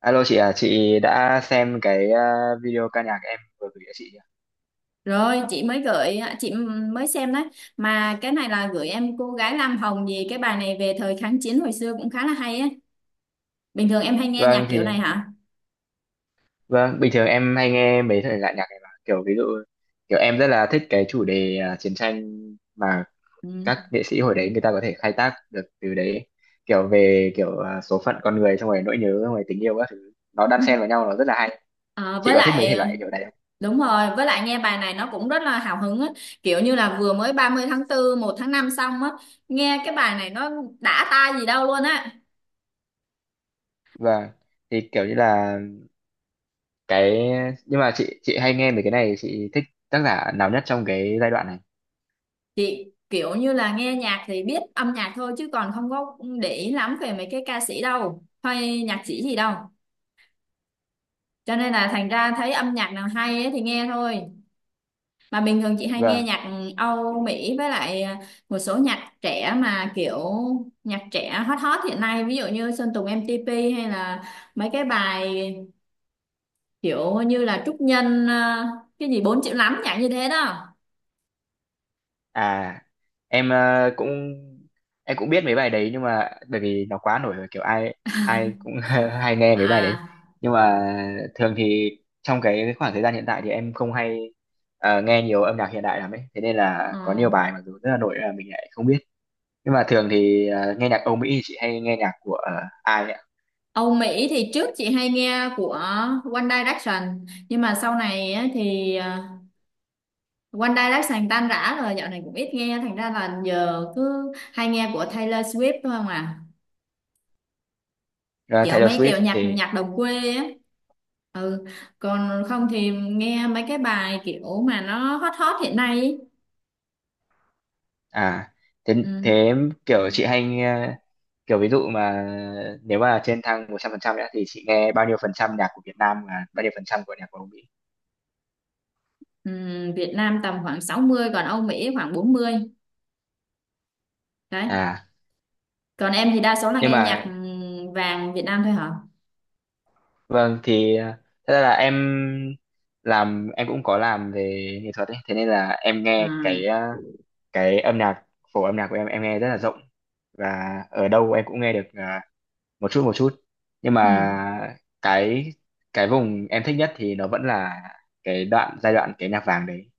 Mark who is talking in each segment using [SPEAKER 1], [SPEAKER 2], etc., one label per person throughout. [SPEAKER 1] Alo chị à, chị đã xem cái video ca nhạc em vừa gửi cho chị chưa?
[SPEAKER 2] Rồi chị mới gửi, chị mới xem đấy, mà cái này là gửi em cô gái Lam Hồng gì, cái bài này về thời kháng chiến hồi xưa cũng khá là hay á. Bình thường em hay nghe nhạc
[SPEAKER 1] Vâng
[SPEAKER 2] kiểu
[SPEAKER 1] thì
[SPEAKER 2] này hả?
[SPEAKER 1] vâng, bình thường em hay nghe mấy thể loại nhạc này, mà kiểu ví dụ kiểu em rất là thích cái chủ đề chiến tranh mà
[SPEAKER 2] Ừ.
[SPEAKER 1] các nghệ sĩ hồi đấy người ta có thể khai thác được từ đấy, kiểu về kiểu số phận con người, xong rồi nỗi nhớ, xong rồi tình yêu các thứ, nó đan xen vào nhau, nó rất là hay.
[SPEAKER 2] Ờ,
[SPEAKER 1] Chị
[SPEAKER 2] với
[SPEAKER 1] có thích mấy
[SPEAKER 2] lại
[SPEAKER 1] thể
[SPEAKER 2] ờ,
[SPEAKER 1] loại kiểu này không?
[SPEAKER 2] đúng rồi, với lại nghe bài này nó cũng rất là hào hứng á, kiểu như là vừa mới 30/4, 1/5 xong á, nghe cái bài này nó đã tai gì đâu luôn á.
[SPEAKER 1] Vâng. Thì kiểu như là cái nhưng mà chị hay nghe mấy cái này, chị thích tác giả nào nhất trong cái giai đoạn này?
[SPEAKER 2] Chị kiểu như là nghe nhạc thì biết âm nhạc thôi, chứ còn không có để ý lắm về mấy cái ca sĩ đâu hay nhạc sĩ gì đâu, cho nên là thành ra thấy âm nhạc nào hay ấy thì nghe thôi. Mà bình thường chị hay nghe
[SPEAKER 1] Vâng.
[SPEAKER 2] nhạc Âu Mỹ với lại một số nhạc trẻ, mà kiểu nhạc trẻ hot hot hiện nay, ví dụ như Sơn Tùng MTP hay là mấy cái bài kiểu như là Trúc Nhân, cái gì 4 triệu lắm, nhạc như thế đó.
[SPEAKER 1] À, em ờ, cũng em cũng biết mấy bài đấy, nhưng mà bởi vì nó quá nổi rồi, kiểu ai ai cũng hay nghe mấy bài đấy.
[SPEAKER 2] À,
[SPEAKER 1] Nhưng mà thường thì trong cái khoảng thời gian hiện tại thì em không hay nghe nhiều âm nhạc hiện đại lắm ấy. Thế nên là
[SPEAKER 2] ừ.
[SPEAKER 1] có nhiều bài mặc dù rất là nổi là mình lại không biết. Nhưng mà thường thì nghe nhạc Âu Mỹ thì chị hay nghe nhạc của ai ạ?
[SPEAKER 2] Âu Mỹ thì trước chị hay nghe của One Direction, nhưng mà sau này á thì One Direction tan rã rồi, dạo này cũng ít nghe, thành ra là giờ cứ hay nghe của Taylor Swift thôi không à,
[SPEAKER 1] Ờ,
[SPEAKER 2] kiểu
[SPEAKER 1] Taylor
[SPEAKER 2] mấy kiểu
[SPEAKER 1] Swift
[SPEAKER 2] nhạc
[SPEAKER 1] thì
[SPEAKER 2] nhạc đồng quê á. Ừ, còn không thì nghe mấy cái bài kiểu mà nó hot hot hiện nay ý.
[SPEAKER 1] À, thế,
[SPEAKER 2] Ừ.
[SPEAKER 1] thế kiểu chị hay nghe, kiểu ví dụ mà nếu mà trên thang 100% nữa thì chị nghe bao nhiêu phần trăm nhạc của Việt Nam và bao nhiêu phần trăm của nhạc của Mỹ?
[SPEAKER 2] Ừ. Việt Nam tầm khoảng 60, còn Âu Mỹ khoảng 40, đấy.
[SPEAKER 1] À,
[SPEAKER 2] Còn em thì đa số là
[SPEAKER 1] nhưng
[SPEAKER 2] nghe nhạc
[SPEAKER 1] mà
[SPEAKER 2] ừ, vàng Việt Nam thôi hả?
[SPEAKER 1] vâng thì thật ra là em làm em cũng có làm về nghệ thuật ấy, thế nên là em nghe
[SPEAKER 2] À,
[SPEAKER 1] cái âm nhạc, phổ âm nhạc của em nghe rất là rộng, và ở đâu em cũng nghe được một chút một chút. Nhưng
[SPEAKER 2] ừ.
[SPEAKER 1] mà cái cái vùng em thích nhất thì nó vẫn là cái đoạn giai đoạn cái nhạc vàng đấy,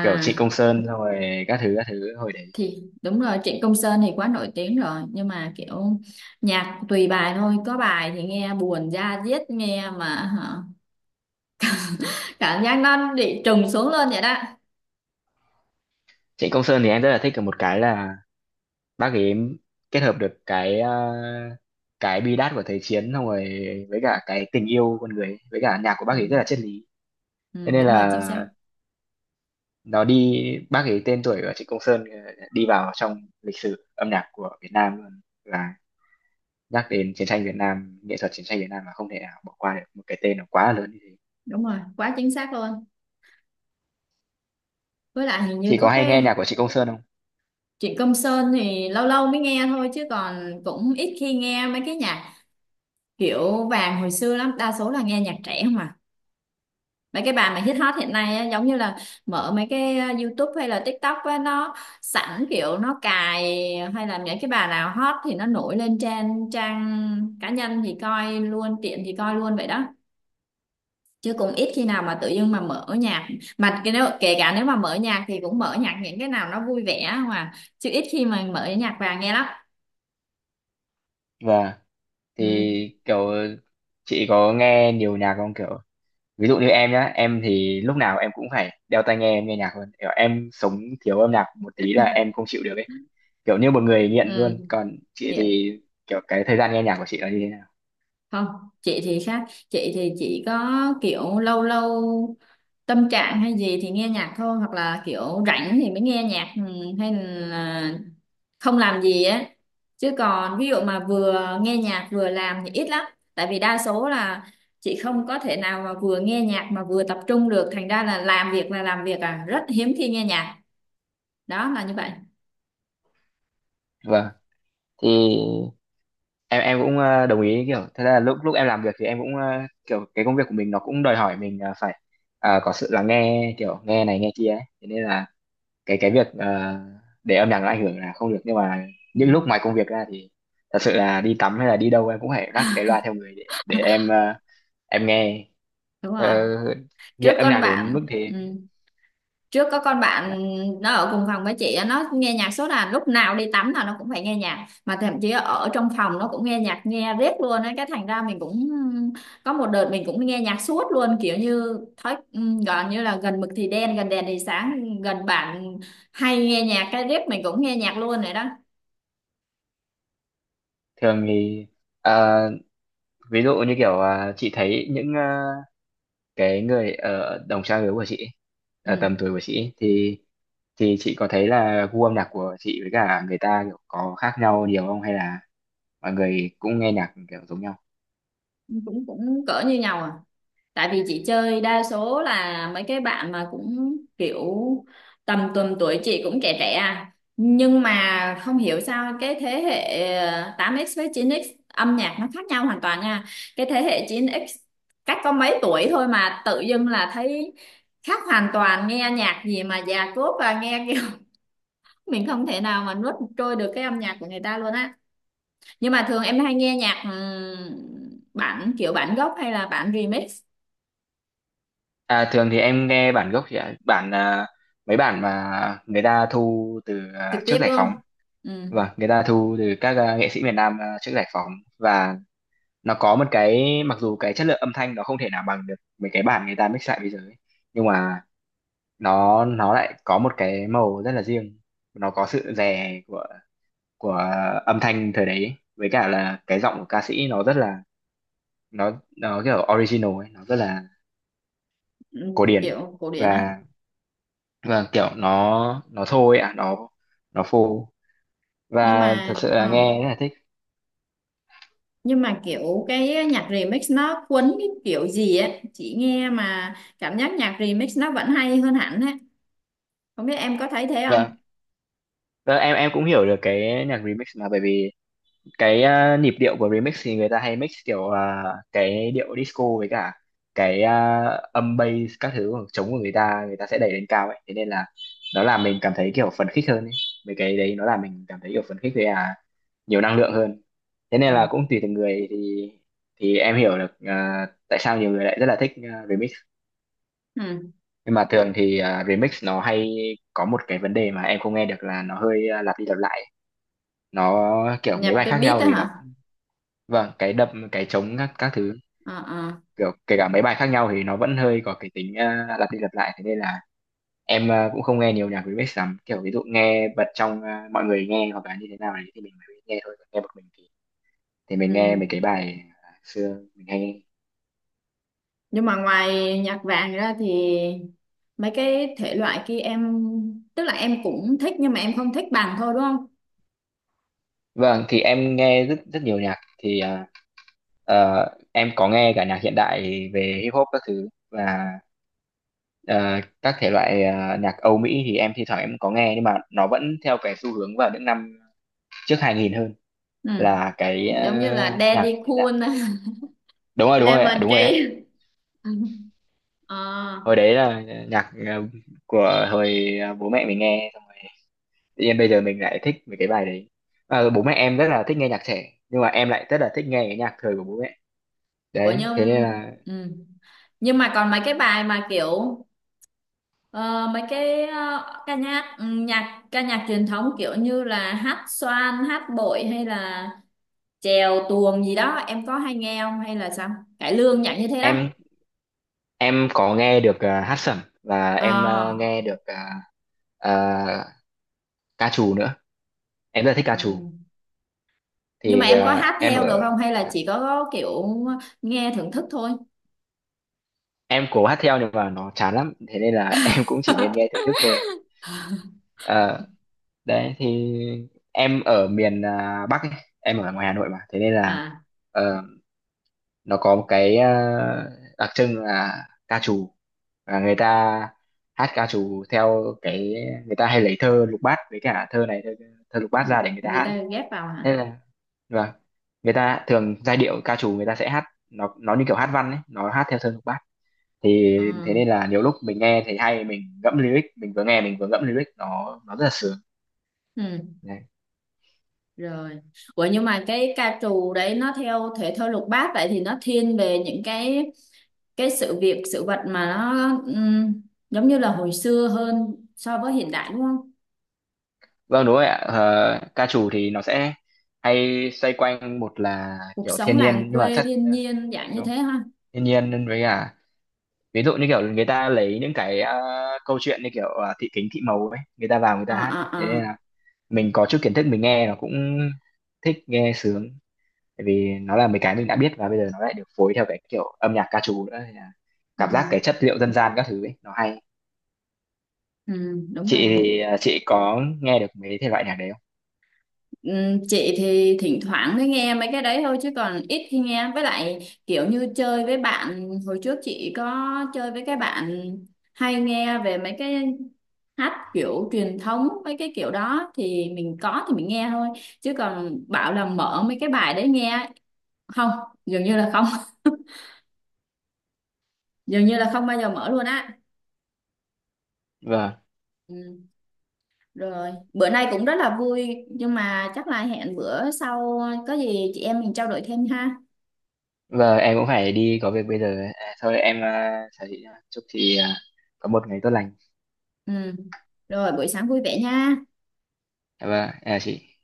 [SPEAKER 1] kiểu Trịnh Công Sơn xong rồi các thứ hồi đấy.
[SPEAKER 2] thì đúng rồi, Trịnh Công Sơn thì quá nổi tiếng rồi, nhưng mà kiểu nhạc tùy bài thôi, có bài thì nghe buồn da diết nghe mà hả, cảm giác nó bị trùng xuống luôn vậy đó.
[SPEAKER 1] Trịnh Công Sơn thì em rất là thích ở một cái là bác ấy kết hợp được cái bi đát của thời chiến, xong rồi với cả cái tình yêu con người ấy, với cả nhạc của bác
[SPEAKER 2] Ừ,
[SPEAKER 1] ấy rất là triết lý,
[SPEAKER 2] ừ,
[SPEAKER 1] thế nên
[SPEAKER 2] đúng rồi,
[SPEAKER 1] là
[SPEAKER 2] chính xác.
[SPEAKER 1] nó đi bác ấy, tên tuổi của Trịnh Công Sơn đi vào trong lịch sử âm nhạc của Việt Nam luôn, là nhắc đến chiến tranh Việt Nam, nghệ thuật chiến tranh Việt Nam, mà không thể nào bỏ qua được một cái tên nó quá là lớn như thế.
[SPEAKER 2] Đúng rồi, quá chính xác luôn, với lại hình như
[SPEAKER 1] Chị có
[SPEAKER 2] có
[SPEAKER 1] hay nghe
[SPEAKER 2] cái
[SPEAKER 1] nhạc của Trịnh Công Sơn không?
[SPEAKER 2] Trịnh Công Sơn thì lâu lâu mới nghe thôi, chứ còn cũng ít khi nghe mấy cái nhạc kiểu vàng hồi xưa lắm, đa số là nghe nhạc trẻ, mà mấy cái bà mà hit hot hiện nay á, giống như là mở mấy cái YouTube hay là TikTok á, nó sẵn kiểu nó cài, hay là những cái bà nào hot thì nó nổi lên trên trang cá nhân thì coi, luôn tiện thì coi luôn vậy đó, chứ cũng ít khi nào mà tự dưng mà mở nhạc, mà cái nếu kể cả nếu mà mở nhạc thì cũng mở nhạc những cái nào nó vui vẻ mà, chứ ít khi mà mở nhạc vàng nghe lắm.
[SPEAKER 1] Vâng, thì
[SPEAKER 2] Ừ,
[SPEAKER 1] kiểu chị có nghe nhiều nhạc không, kiểu ví dụ như em nhá, em thì lúc nào em cũng phải đeo tai nghe, em nghe nhạc luôn, kiểu em sống thiếu âm nhạc một tí là em không chịu được ấy, kiểu như một người nghiện
[SPEAKER 2] ừ,
[SPEAKER 1] luôn. Còn chị
[SPEAKER 2] dạ.
[SPEAKER 1] thì kiểu cái thời gian nghe nhạc của chị là như thế nào?
[SPEAKER 2] Không, chị thì khác, chị thì chỉ có kiểu lâu lâu tâm trạng hay gì thì nghe nhạc thôi, hoặc là kiểu rảnh thì mới nghe nhạc, hay là không làm gì á, chứ còn ví dụ mà vừa nghe nhạc vừa làm thì ít lắm, tại vì đa số là chị không có thể nào mà vừa nghe nhạc mà vừa tập trung được, thành ra là làm việc à, rất hiếm khi nghe nhạc, đó là như vậy.
[SPEAKER 1] Vâng, thì em cũng đồng ý, kiểu thật ra là lúc lúc em làm việc thì em cũng kiểu cái công việc của mình nó cũng đòi hỏi mình phải có sự lắng nghe, kiểu nghe này nghe kia ấy, thế nên là cái việc để âm nhạc nó ảnh hưởng là không được, nhưng mà những lúc
[SPEAKER 2] Ừ,
[SPEAKER 1] ngoài công việc ra thì thật sự là đi tắm hay là đi đâu em cũng phải vác cái loa theo người, để em em nghe,
[SPEAKER 2] đúng rồi.
[SPEAKER 1] ờ,
[SPEAKER 2] Trước
[SPEAKER 1] nghiện âm
[SPEAKER 2] con
[SPEAKER 1] nhạc đến
[SPEAKER 2] bạn,
[SPEAKER 1] mức
[SPEAKER 2] ừ,
[SPEAKER 1] thế.
[SPEAKER 2] trước có con
[SPEAKER 1] Dạ.
[SPEAKER 2] bạn nó ở cùng phòng với chị á, nó nghe nhạc suốt, là lúc nào đi tắm là nó cũng phải nghe nhạc, mà thậm chí ở trong phòng nó cũng nghe nhạc, nghe riết luôn ấy, cái thành ra mình cũng có một đợt mình cũng nghe nhạc suốt luôn, kiểu như thói, gọi như là gần mực thì đen gần đèn thì sáng, gần bạn hay nghe nhạc cái riết mình cũng nghe nhạc luôn rồi đó.
[SPEAKER 1] Thường thì ờ, ví dụ như kiểu chị thấy những cái người ở đồng trang lứa của chị ấy, ở tầm
[SPEAKER 2] Ừ.
[SPEAKER 1] tuổi của chị ấy, thì chị có thấy là gu âm nhạc của chị với cả người ta kiểu có khác nhau nhiều không, hay là mọi người cũng nghe nhạc kiểu giống nhau?
[SPEAKER 2] Cũng cũng cỡ như nhau à, tại vì chị chơi đa số là mấy cái bạn mà cũng kiểu tầm tuần tuổi chị cũng trẻ trẻ à, nhưng mà không hiểu sao cái thế hệ 8x với 9x âm nhạc nó khác nhau hoàn toàn nha, cái thế hệ 9x cách có mấy tuổi thôi mà tự dưng là thấy khác hoàn toàn, nghe nhạc gì mà già cốt và nghe kiểu mình không thể nào mà nuốt trôi được cái âm nhạc của người ta luôn á. Nhưng mà thường em hay nghe nhạc, kiểu bản gốc hay là bản remix
[SPEAKER 1] À, thường thì em nghe bản gốc chị ạ, mấy bản mà người ta thu từ
[SPEAKER 2] trực
[SPEAKER 1] trước
[SPEAKER 2] tiếp
[SPEAKER 1] giải
[SPEAKER 2] luôn?
[SPEAKER 1] phóng.
[SPEAKER 2] Ừ,
[SPEAKER 1] Vâng, người ta thu từ các nghệ sĩ miền Nam trước giải phóng, và nó có một cái, mặc dù cái chất lượng âm thanh nó không thể nào bằng được mấy cái bản người ta mix lại bây giờ ấy, nhưng mà nó lại có một cái màu rất là riêng, nó có sự rè của của âm thanh thời đấy ấy, với cả là cái giọng của ca sĩ, nó nó kiểu original ấy, nó rất là
[SPEAKER 2] ừ,
[SPEAKER 1] cổ điển.
[SPEAKER 2] kiểu cổ điển á.
[SPEAKER 1] Và vâng, kiểu nó thôi ạ, nó phô,
[SPEAKER 2] nhưng
[SPEAKER 1] và thật
[SPEAKER 2] mà
[SPEAKER 1] sự là
[SPEAKER 2] ờ,
[SPEAKER 1] nghe rất là thích.
[SPEAKER 2] nhưng mà kiểu cái nhạc remix nó quấn cái kiểu gì á, chị nghe mà cảm giác nhạc remix nó vẫn hay hơn hẳn á, không biết em có thấy thế
[SPEAKER 1] Vâng,
[SPEAKER 2] không?
[SPEAKER 1] vâng, em cũng hiểu được cái nhạc remix, mà bởi vì cái nhịp điệu của remix thì người ta hay mix kiểu cái điệu disco, với cả cái âm bass các thứ của trống của người ta sẽ đẩy lên cao ấy, thế nên là nó làm mình cảm thấy kiểu phấn khích hơn ấy. Mấy cái đấy nó làm mình cảm thấy kiểu phấn khích với nhiều năng lượng hơn. Thế nên
[SPEAKER 2] Ừ.
[SPEAKER 1] là cũng tùy từng người, thì em hiểu được tại sao nhiều người lại rất là thích remix.
[SPEAKER 2] Ừ.
[SPEAKER 1] Nhưng mà thường thì remix nó hay có một cái vấn đề mà em không nghe được, là nó hơi lặp đi lặp lại, nó kiểu mấy
[SPEAKER 2] Nhập
[SPEAKER 1] bài
[SPEAKER 2] cái
[SPEAKER 1] khác
[SPEAKER 2] beat
[SPEAKER 1] nhau
[SPEAKER 2] đó
[SPEAKER 1] thì nó
[SPEAKER 2] hả?
[SPEAKER 1] Vâng, cái đập cái trống các thứ,
[SPEAKER 2] Ờ, ờ.
[SPEAKER 1] kiểu kể cả mấy bài khác nhau thì nó vẫn hơi có cái tính lặp đi lặp lại, thế nên là em cũng không nghe nhiều nhạc remix lắm, kiểu ví dụ nghe bật trong mọi người nghe hoặc là như thế nào đấy thì mình mới nghe thôi. Còn nghe một mình thì mình nghe
[SPEAKER 2] Ừ,
[SPEAKER 1] mấy cái bài xưa mình hay nghe.
[SPEAKER 2] nhưng mà ngoài nhạc vàng ra thì mấy cái thể loại kia em, tức là em cũng thích nhưng mà em không thích bằng thôi, đúng không?
[SPEAKER 1] Vâng, thì em nghe rất rất nhiều nhạc, thì ờ, em có nghe cả nhạc hiện đại về hip hop các thứ, và ờ, các thể loại nhạc Âu Mỹ thì em thi thoảng em có nghe, nhưng mà nó vẫn theo cái xu hướng vào những năm trước 2000 hơn,
[SPEAKER 2] Ừ.
[SPEAKER 1] là cái
[SPEAKER 2] Giống như là
[SPEAKER 1] nhạc
[SPEAKER 2] Daddy
[SPEAKER 1] hiện đại.
[SPEAKER 2] Cool.
[SPEAKER 1] Đúng rồi ạ,
[SPEAKER 2] Lemon
[SPEAKER 1] đúng rồi ạ.
[SPEAKER 2] Tree. Ờ,
[SPEAKER 1] Hồi đấy là nhạc của hồi bố mẹ mình nghe, xong rồi tự nhiên bây giờ mình lại thích mấy cái bài đấy. Ờ, bố mẹ em rất là thích nghe nhạc trẻ nhưng mà em lại rất là thích nghe cái nhạc thời của bố mẹ.
[SPEAKER 2] của
[SPEAKER 1] Đấy, thế nên
[SPEAKER 2] Nhung.
[SPEAKER 1] là
[SPEAKER 2] Ừ, nhưng mà còn mấy cái bài mà kiểu ờ, mấy cái ca nhạc, nhạc ca nhạc truyền thống kiểu như là hát xoan, hát bội hay là chèo tuồng gì đó em có hay nghe không hay là sao, cải lương nhảy như thế đó.
[SPEAKER 1] em Em có nghe được hát sẩm, và
[SPEAKER 2] Ờ,
[SPEAKER 1] em nghe được ờ, ca trù nữa. Em rất là thích ca
[SPEAKER 2] ừ.
[SPEAKER 1] trù.
[SPEAKER 2] Nhưng mà
[SPEAKER 1] Thì
[SPEAKER 2] em
[SPEAKER 1] ờ,
[SPEAKER 2] có hát
[SPEAKER 1] em
[SPEAKER 2] theo được
[SPEAKER 1] ở
[SPEAKER 2] không hay là
[SPEAKER 1] Dạ,
[SPEAKER 2] chỉ có kiểu nghe thưởng thức thôi?
[SPEAKER 1] em cố hát theo nhưng mà nó chán lắm. Thế nên là em cũng chỉ nên nghe thưởng thức thôi. Ờ, đấy thì em ở miền Bắc ấy. Em ở ngoài Hà Nội mà. Thế nên là
[SPEAKER 2] À,
[SPEAKER 1] ờ, nó có một cái đặc trưng là ca trù, và người ta hát ca trù theo cái, người ta hay lấy thơ lục bát, với cả thơ lục bát ra để người ta
[SPEAKER 2] người
[SPEAKER 1] hát.
[SPEAKER 2] ta ghép vào hả?
[SPEAKER 1] Thế là vâng, người ta thường giai điệu ca trù người ta sẽ hát, nó như kiểu hát văn ấy, nó hát theo thơ lục bát. Thì
[SPEAKER 2] Ừ.
[SPEAKER 1] thế nên là nhiều lúc mình nghe thấy hay, mình ngẫm lyric mình vừa nghe mình vừa ngẫm lyric, nó rất là sướng.
[SPEAKER 2] Ừ,
[SPEAKER 1] Đấy.
[SPEAKER 2] rồi. Ủa nhưng mà cái ca trù đấy nó theo thể thơ lục bát, vậy thì nó thiên về những cái sự việc sự vật mà nó ừm, giống như là hồi xưa hơn so với hiện đại đúng không,
[SPEAKER 1] Vâng, đúng rồi ạ. Ờ, ca trù thì nó sẽ hay xoay quanh, một là
[SPEAKER 2] cuộc
[SPEAKER 1] kiểu
[SPEAKER 2] sống
[SPEAKER 1] thiên nhiên,
[SPEAKER 2] làng
[SPEAKER 1] nhưng mà
[SPEAKER 2] quê
[SPEAKER 1] chắc
[SPEAKER 2] thiên nhiên dạng như
[SPEAKER 1] kiểu
[SPEAKER 2] thế ha?
[SPEAKER 1] thiên nhiên với cả ví dụ như kiểu người ta lấy những cái câu chuyện như kiểu Thị Kính Thị màu ấy, người ta vào người
[SPEAKER 2] Ờ,
[SPEAKER 1] ta hát,
[SPEAKER 2] ờ,
[SPEAKER 1] thế
[SPEAKER 2] ờ.
[SPEAKER 1] nên là mình có chút kiến thức mình nghe nó cũng thích nghe, sướng, tại vì nó là mấy cái mình đã biết, và bây giờ nó lại được phối theo cái kiểu âm nhạc ca trù nữa, nên là
[SPEAKER 2] Ừ,
[SPEAKER 1] cảm giác cái chất liệu dân gian các thứ ấy nó hay.
[SPEAKER 2] ừ, đúng
[SPEAKER 1] Chị
[SPEAKER 2] rồi.
[SPEAKER 1] thì chị có nghe được mấy thể loại nhạc đấy không?
[SPEAKER 2] Chị thì thỉnh thoảng mới nghe mấy cái đấy thôi, chứ còn ít khi nghe, với lại kiểu như chơi với bạn, hồi trước chị có chơi với cái bạn hay nghe về mấy cái hát kiểu truyền thống mấy cái kiểu đó thì mình có thì mình nghe thôi, chứ còn bảo là mở mấy cái bài đấy nghe, không, dường như là không. Dường như là không bao giờ mở luôn á.
[SPEAKER 1] Vâng,
[SPEAKER 2] Ừ, rồi bữa nay cũng rất là vui, nhưng mà chắc là hẹn bữa sau có gì chị em mình trao đổi thêm ha.
[SPEAKER 1] vâng em cũng phải đi có việc bây giờ, thôi em chào chị nhá. Chúc chị có một ngày tốt lành.
[SPEAKER 2] Ừ, rồi buổi sáng vui vẻ nha.
[SPEAKER 1] Vâng, à chị.